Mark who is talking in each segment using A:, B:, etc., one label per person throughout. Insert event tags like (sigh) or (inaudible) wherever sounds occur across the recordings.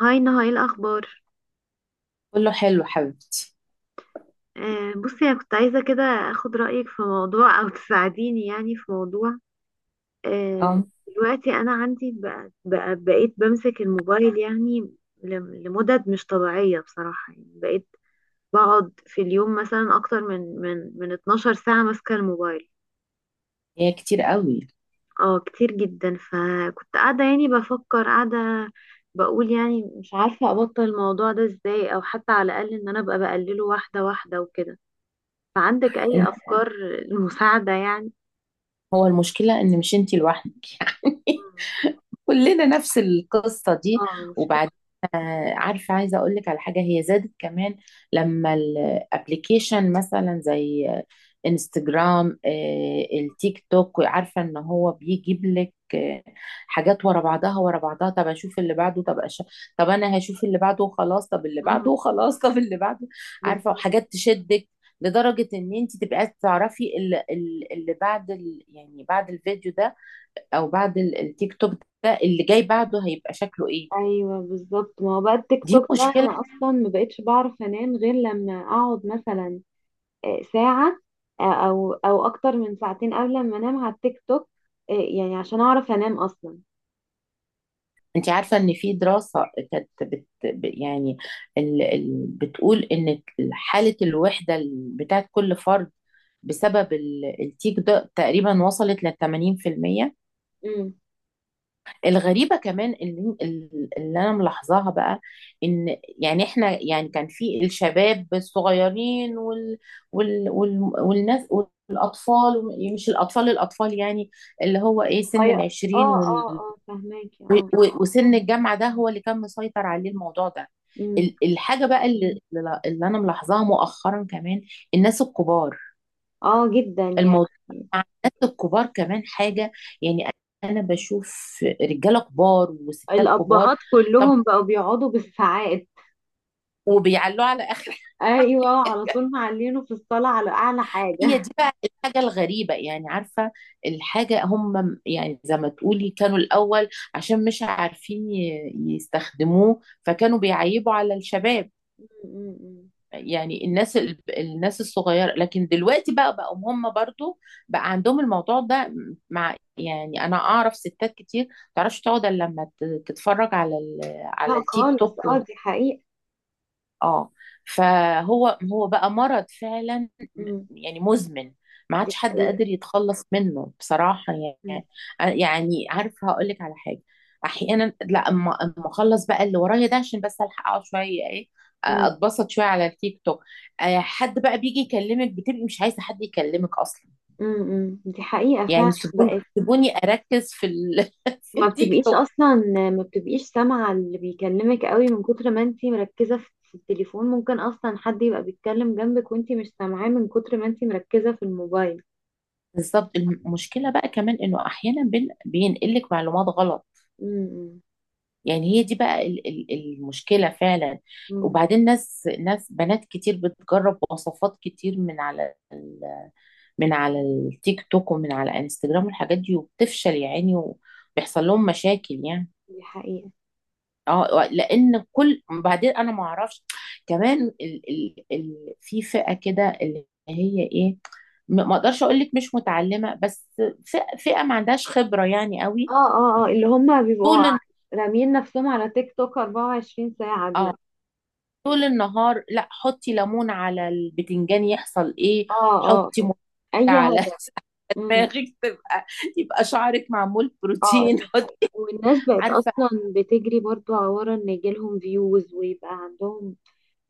A: هاي نهى، ايه الاخبار؟
B: كله حلو حبيبتي.
A: بصي، انا كنت عايزه كده اخد رايك في موضوع او تساعديني، يعني، في موضوع. آه.
B: اه،
A: دلوقتي انا عندي بقى بقيت بمسك الموبايل، يعني لمدد مش طبيعيه بصراحه، يعني بقيت بقعد في اليوم مثلا اكتر من 12 ساعه ماسكه الموبايل.
B: هي كتير قوي.
A: اه كتير جدا، فكنت قاعده يعني بفكر، قاعده بقول، يعني مش عارفه ابطل الموضوع ده ازاي، او حتى على الاقل ان انا ابقى بقلله واحده واحده وكده. فعندك أي
B: الم-
A: أفكار للمساعدة، يعني؟
B: هو المشكلة ان مش انتي لوحدك. (laughs) يعني
A: مم.
B: كلنا نفس القصة دي.
A: اه، المشكلة.
B: وبعدين عارفة عايزة اقول لك على حاجة هي زادت كمان لما الابليكيشن مثلا زي انستجرام، التيك توك. عارفة ان هو بيجيب لك حاجات ورا بعضها. طب اشوف اللي بعده، طب انا هشوف اللي بعده وخلاص، طب اللي
A: مم.
B: بعده وخلاص، (laughs) طب اللي بعده. عارفة،
A: بالظبط.
B: وحاجات تشدك لدرجة ان انت تبقى عايزة تعرفي اللي بعد يعني بعد الفيديو ده، او بعد التيك توك ده، اللي جاي بعده هيبقى شكله ايه.
A: ايوه بالظبط، ما هو بقى التيك
B: دي
A: توك ده
B: مشكلة.
A: انا اصلا ما بقتش بعرف انام غير لما اقعد مثلا ساعة، او اكتر من ساعتين قبل ما انام على التيك توك، يعني عشان اعرف انام اصلا.
B: انت عارفة ان في دراسة كانت يعني بتقول ان حالة الوحدة بتاعت كل فرد بسبب التيك ده تقريبا وصلت ل 80%.
A: مم.
B: الغريبة كمان اللي انا ملاحظاها بقى ان يعني احنا يعني كان في الشباب الصغيرين والناس والاطفال، مش الاطفال الاطفال، يعني اللي هو ايه سن
A: غير-
B: العشرين
A: اه، اه، اه، فهماكي،
B: و-
A: اه.
B: و- وسن الجامعة، ده هو اللي كان مسيطر عليه الموضوع ده.
A: امم.
B: الحاجة بقى اللي أنا ملاحظاها مؤخرا كمان الناس الكبار.
A: اه، جدا يعني.
B: الموضوع مع الناس الكبار كمان حاجة، يعني أنا بشوف رجالة كبار وستات كبار.
A: الابهات
B: طب
A: كلهم بقوا بيقعدوا بالساعات.
B: وبيعلوا على آخر (laughs) حاجة.
A: ايوه، على طول معلينه في الصاله على اعلى
B: هي
A: حاجه.
B: دي بقى الحاجة الغريبة، يعني عارفة الحاجة، هم يعني زي ما تقولي كانوا الأول عشان مش عارفين يستخدموه فكانوا بيعيبوا على الشباب،
A: (laughs) م- م.
B: يعني الناس الناس الصغيرة، لكن دلوقتي بقى بقوا هم برضو بقى عندهم الموضوع ده. مع يعني انا اعرف ستات كتير ما تعرفش تقعد الا لما تتفرج على على
A: لا
B: التيك
A: خالص،
B: توك.
A: اه، دي حقيقه.
B: اه، فهو بقى مرض فعلا،
A: م.
B: يعني مزمن. ما
A: دي
B: عادش حد
A: حقيقه.
B: قادر يتخلص منه بصراحة.
A: م-
B: يعني يعني عارفة هقول لك على حاجة، احيانا لا أما اخلص بقى اللي ورايا ده عشان بس الحق اقعد شوية ايه،
A: م-
B: اتبسط شوية على التيك توك. حد بقى بيجي يكلمك بتبقي مش عايزة حد يكلمك اصلا.
A: م- م. دي حقيقه فعلا
B: يعني سيبوني
A: بقت.
B: سيبوني اركز في (laughs) في
A: ما
B: التيك
A: بتبقيش
B: توك.
A: اصلا، ما بتبقيش سامعه اللي بيكلمك قوي من كتر ما انتي مركزه في التليفون. ممكن اصلا حد يبقى بيتكلم جنبك وانتي مش سامعاه من كتر ما انتي مركزه في الموبايل.
B: بالظبط، المشكلة بقى كمان انه احيانا بينقلك معلومات غلط.
A: م-
B: يعني هي دي بقى المشكلة فعلا.
A: مم.
B: وبعدين ناس بنات كتير بتجرب وصفات كتير من على من على التيك توك ومن على انستجرام والحاجات دي، وبتفشل يا عيني وبيحصل لهم مشاكل يعني.
A: دي حقيقة.
B: اه لان كل بعدين انا ما اعرفش كمان ال في فئة كده اللي هي ايه، ما اقدرش اقول لك مش متعلمة، بس فئة ما عندهاش خبرة يعني
A: اه،
B: قوي.
A: اه، اه، اللي هم بيبقوا
B: طول
A: راميين نفسهم على تيك توك 24 ساعة
B: اه
A: دول.
B: طول النهار لا، حطي ليمون على البتنجان يحصل ايه،
A: اه، اه،
B: حطي
A: آه.
B: ميه
A: اي
B: على
A: هدف.
B: (laughs)
A: امم.
B: دماغك، تبقى يبقى شعرك معمول
A: اه،
B: بروتين،
A: دي
B: حط
A: حقيقة، والناس
B: (laughs)
A: بقت
B: عارفه.
A: اصلا بتجري برضو ورا ان يجيلهم فيوز ويبقى عندهم،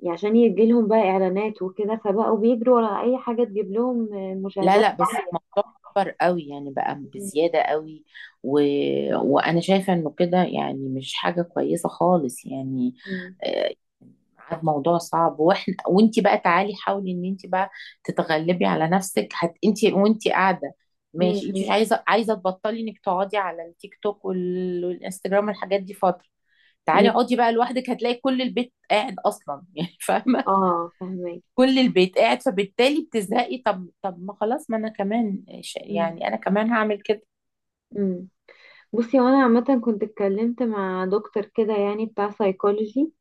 A: يعني عشان يجيلهم بقى اعلانات وكده، فبقوا بيجروا ورا اي حاجة تجيب لهم
B: لا
A: مشاهدات
B: لا، بس
A: عالية.
B: الموضوع كبر قوي يعني، بقى
A: مم.
B: بزياده قوي. و... وانا شايفه انه كده يعني مش حاجه كويسه خالص يعني.
A: مم.
B: عاد موضوع صعب، واحنا وانت بقى تعالي حاولي ان انت بقى تتغلبي على نفسك، هت انت وانت قاعده
A: مم.
B: ماشي، انت مش عايزه تبطلي انك تقعدي على التيك توك والانستجرام والحاجات دي فتره،
A: مم.
B: تعالي اقعدي بقى لوحدك، هتلاقي كل البيت قاعد اصلا (laughs) يعني فاهمه،
A: اه، فهمك.
B: كل البيت قاعد فبالتالي بتزهقي. طب ما خلاص، ما انا كمان
A: مم.
B: يعني انا كمان هعمل كده.
A: مم. بصي، وانا عامة كنت اتكلمت مع دكتور كده، يعني بتاع سايكولوجي،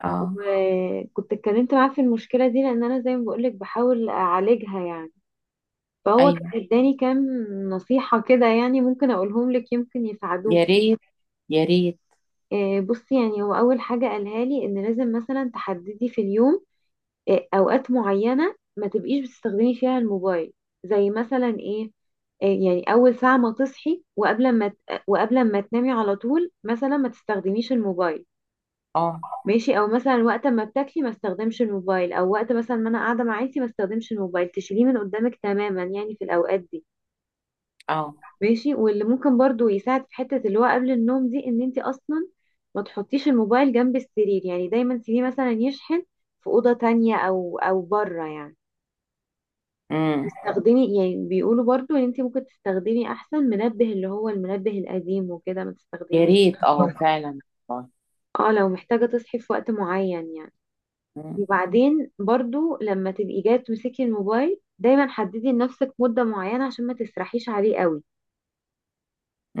B: اه،
A: وكنت اتكلمت معاه في المشكلة دي لان انا زي ما بقولك بحاول اعالجها، يعني. فهو
B: ايوه.
A: كان اداني كام نصيحة كده، يعني ممكن اقولهم لك، يمكن
B: يا
A: يساعدوكي.
B: ريت يا ريت
A: بصي، يعني هو اول حاجة قالها لي ان لازم مثلا تحددي في اليوم اوقات معينة ما تبقيش بتستخدمي فيها الموبايل. زي مثلا ايه؟ يعني اول ساعة ما تصحي، وقبل ما تنامي على طول، مثلا ما تستخدميش الموبايل.
B: اه
A: ماشي، او مثلا وقت ما بتاكلي ما استخدمش الموبايل، او وقت مثلا ما انا قاعدة مع عيلتي ما استخدمش الموبايل، تشيليه من قدامك تماما، يعني في الاوقات دي.
B: اه،
A: ماشي. واللي ممكن برضو يساعد في حتة اللي هو قبل النوم دي ان انت اصلا ما تحطيش الموبايل جنب السرير، يعني دايما تسيبيه مثلا يشحن في أوضة تانية او بره، يعني
B: امم.
A: تستخدمي. يعني بيقولوا برضو ان انت ممكن تستخدمي احسن منبه، اللي هو المنبه القديم، وكده ما
B: يا
A: تستخدميش،
B: ريت، اه فعلا، والله.
A: اه، لو محتاجة تصحي في وقت معين، يعني.
B: امم،
A: وبعدين برضو لما تبقي جاية تمسكي الموبايل دايما حددي لنفسك مدة معينة عشان ما تسرحيش عليه قوي،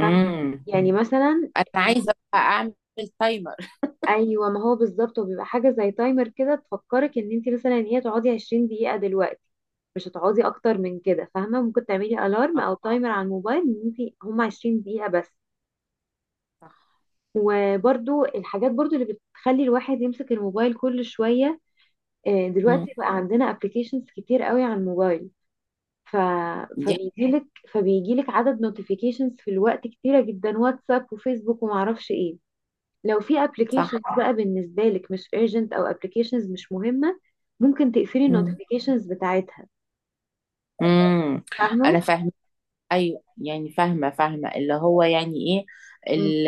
A: فاهمة؟ يعني مثلا،
B: انا عايزه بقى اعمل تايمر.
A: ايوه، ما هو بالظبط هو بيبقى حاجه زي تايمر كده تفكرك ان انت مثلا هي تقعدي 20 دقيقه دلوقتي، مش هتقعدي اكتر من كده، فاهمه؟ ممكن تعملي الارم
B: آه،
A: او تايمر على الموبايل ان انت هم 20 دقيقه بس.
B: صح.
A: وبرده الحاجات برضو اللي بتخلي الواحد يمسك الموبايل كل شويه،
B: مم.
A: دلوقتي بقى عندنا ابلكيشنز كتير قوي على الموبايل، ف...
B: دي
A: فبيجيلك عدد نوتيفيكيشنز في الوقت كتيره جدا، واتساب وفيسبوك ومعرفش ايه. لو في
B: صح.
A: applications بقى بالنسبة لك مش urgent أو applications مش مهمة، ممكن تقفلي ال
B: مم.
A: notifications بتاعتها،
B: مم.
A: فاهمة؟
B: انا فاهمه، ايوه يعني فاهمه اللي هو يعني ايه
A: مم.
B: ال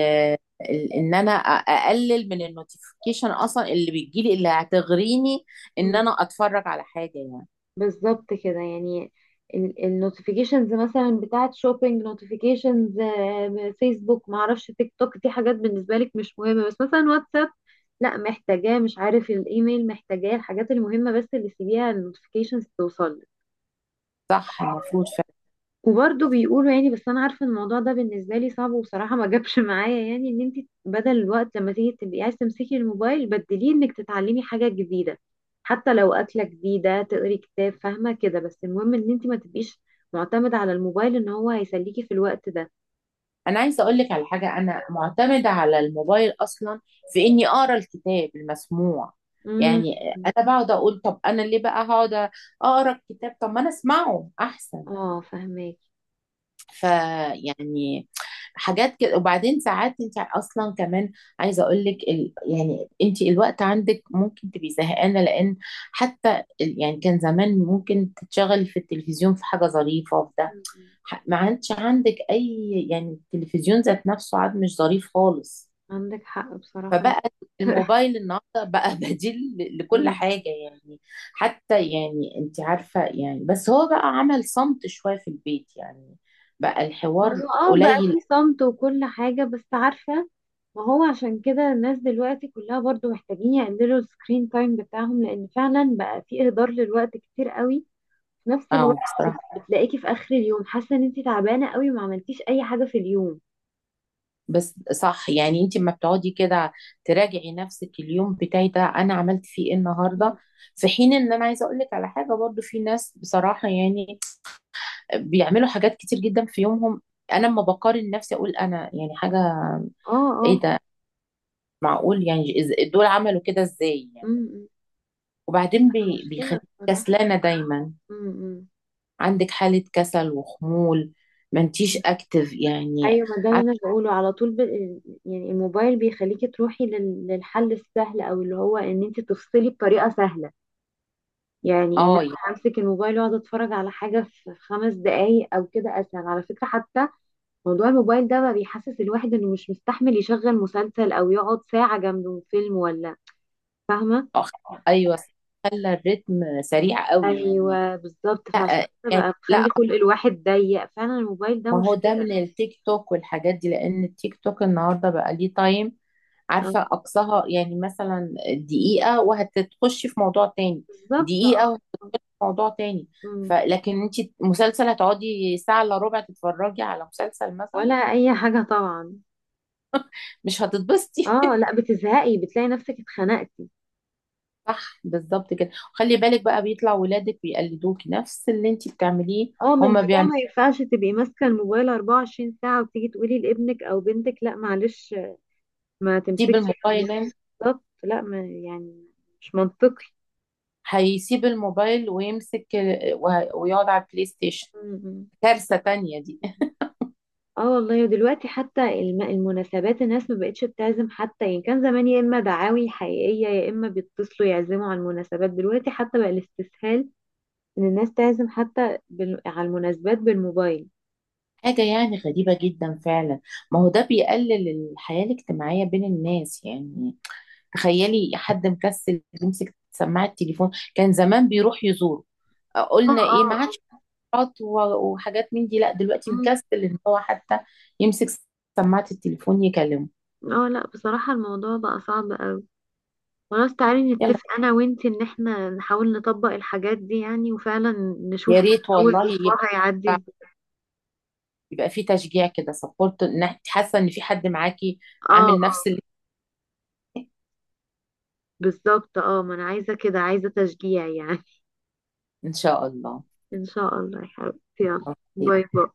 B: ان انا اقلل من النوتيفيكيشن اصلا اللي بتجيلي اللي هتغريني ان
A: مم.
B: انا اتفرج على حاجه يعني.
A: بالظبط كده، يعني ال notifications مثلا بتاعت shopping notifications، فيسبوك، معرفش، تيك توك، دي حاجات بالنسبة لك مش مهمة. بس مثلا واتساب، لا محتاجاه، مش عارف، الايميل محتاجاه، الحاجات المهمة بس اللي سيبيها ال notifications توصل.
B: صح المفروض.
A: وبرضه بيقولوا، يعني، بس انا عارفه إن الموضوع ده بالنسبه لي صعب وبصراحه ما جابش معايا، يعني، ان انت بدل الوقت لما تيجي تبقي عايز تمسكي الموبايل بدليه انك تتعلمي حاجه جديده، حتى لو اكله جديده، تقري كتاب، فاهمه كده. بس المهم ان انت ما تبقيش معتمده على الموبايل ان هو هيسليكي في الوقت ده.
B: انا عايزه اقول لك على حاجه، انا معتمده على الموبايل اصلا في اني اقرا الكتاب المسموع،
A: امم.
B: يعني انا بقعد اقول طب انا ليه بقى هقعد اقرا الكتاب، طب ما انا اسمعه احسن.
A: اه، فهماكي.
B: فيعني حاجات كده. وبعدين ساعات انت اصلا كمان عايزه اقول لك يعني انت الوقت عندك ممكن تبقي زهقانه، لان حتى يعني كان زمان ممكن تتشغلي في التلفزيون في حاجه ظريفه في ده،
A: مم.
B: ما عادش عندك اي يعني، التلفزيون ذات نفسه عاد مش ظريف خالص.
A: عندك حق بصراحه.
B: فبقى الموبايل النهارده بقى (laughs) بديل لكل حاجه
A: (laughs)
B: يعني. حتى يعني انت عارفه يعني، بس هو بقى عمل صمت شويه في البيت، يعني بقى الحوار
A: هو بقى
B: قليل.
A: في صمت وكل حاجة. بس عارفة، ما هو عشان كده الناس دلوقتي كلها برضو محتاجين يقللوا السكرين تايم بتاعهم، لان فعلا بقى في اهدار للوقت كتير قوي. في نفس
B: اه
A: الوقت
B: بصراحه.
A: بتلاقيكي في اخر اليوم حاسة ان انتي تعبانة قوي وما عملتيش اي حاجة في اليوم.
B: بس صح يعني، انت لما بتقعدي كده تراجعي نفسك اليوم بتاعي ده انا عملت فيه ايه
A: مم.
B: النهارده. في حين ان انا عايزه اقول لك على حاجه، برضو في ناس بصراحه يعني بيعملوا حاجات كتير جدا في يومهم. انا لما بقارن نفسي اقول انا يعني حاجه
A: اه،
B: ايه
A: اه.
B: ده، معقول، يعني دول عملوا كده ازاي يعني.
A: امم.
B: وبعدين
A: مشكلة
B: بيخليك
A: بصراحة.
B: كسلانه دايما،
A: امم.
B: عندك حاله كسل وخمول، ما انتيش اكتف يعني.
A: ايوه، ما ده اللي
B: عارف-
A: انا بقوله على طول. يعني الموبايل بيخليكي تروحي للحل السهل، او اللي هو ان انت تفصلي بطريقة سهلة، يعني ان
B: اه، يعني
A: انا امسك الموبايل واقعد اتفرج على حاجه في خمس دقايق او كده، اسهل على فكره حتى. موضوع الموبايل ده بقى بيحسس الواحد انه مش مستحمل يشغل مسلسل او يقعد ساعه جنبه فيلم، ولا فاهمه؟
B: آه، ايوه، خلى الريتم سريع قوي يعني.
A: ايوه بالظبط،
B: لا
A: فعشان كده
B: يعني
A: بقى بخلي
B: لا،
A: خلق الواحد ضيق فعلا، الموبايل ده
B: ما هو ده
A: مشكله.
B: من التيك توك والحاجات دي، لان التيك توك النهارده بقى ليه تايم، عارفة
A: اه،
B: أقصاها يعني مثلا دقيقة وهتخشي في موضوع تاني،
A: بالظبط، اه.
B: دقيقة وهت-
A: آه.
B: موضوع تاني.
A: مم.
B: فلكن انت مسلسل هتقعدي ساعة الا ربع تتفرجي على مسلسل مثلا،
A: ولا اي حاجه طبعا.
B: مش هتتبسطي.
A: اه لا، بتزهقي بتلاقي نفسك اتخنقتي.
B: (laughs) صح، بالظبط كده. خلي بالك بقى بيطلع ولادك بيقلدوكي نفس اللي انت بتعمليه،
A: اه، ما انت
B: هما
A: بقى
B: بيعملوا
A: ما ينفعش تبقي ماسكه الموبايل 24 ساعه وتيجي تقولي لابنك او بنتك لا معلش، ما
B: يسيب
A: تمسكش
B: الموبايل
A: التليفون.
B: هنا،
A: بالظبط، لا، ما يعني مش منطقي.
B: هيسيب الموبايل ويمسك ويقعد على البلاي ستيشن،
A: م.
B: كارثة تانية دي.
A: اه والله، ودلوقتي حتى المناسبات الناس ما بقتش بتعزم حتى، يعني كان زمان يا اما دعاوي حقيقية يا اما بيتصلوا يعزموا على المناسبات. دلوقتي حتى بقى الاستسهال ان الناس تعزم حتى على المناسبات بالموبايل.
B: حاجة يعني غريبة جدا فعلا. ما هو ده بيقلل الحياة الاجتماعية بين الناس يعني. تخيلي حد مكسل يمسك سماعة التليفون، كان زمان بيروح يزور،
A: اه،
B: قلنا
A: اه،
B: ايه ما عادش حاجات وحاجات من دي، لا دلوقتي
A: اه، م.
B: مكسل ان هو حتى يمسك سماعة التليفون يكلمه.
A: اه لا، بصراحة الموضوع بقى صعب قوي. خلاص، تعالي
B: يلا،
A: نتفق انا وانتي ان احنا نحاول نطبق الحاجات دي، يعني، وفعلا
B: يا
A: نشوف كده
B: ريت
A: اول
B: والله،
A: اسبوع
B: يبقى
A: هيعدي ازاي.
B: يبقى في تشجيع كده سبورت، حاسة ان في حد معاكي
A: اه، اه،
B: عامل نفس اللي،
A: بالظبط، اه، ما انا عايزة كده، عايزة تشجيع يعني.
B: ان شاء الله.
A: (laughs) ان شاء الله يا حبيبتي، يلا.
B: أوكي.
A: باي باي.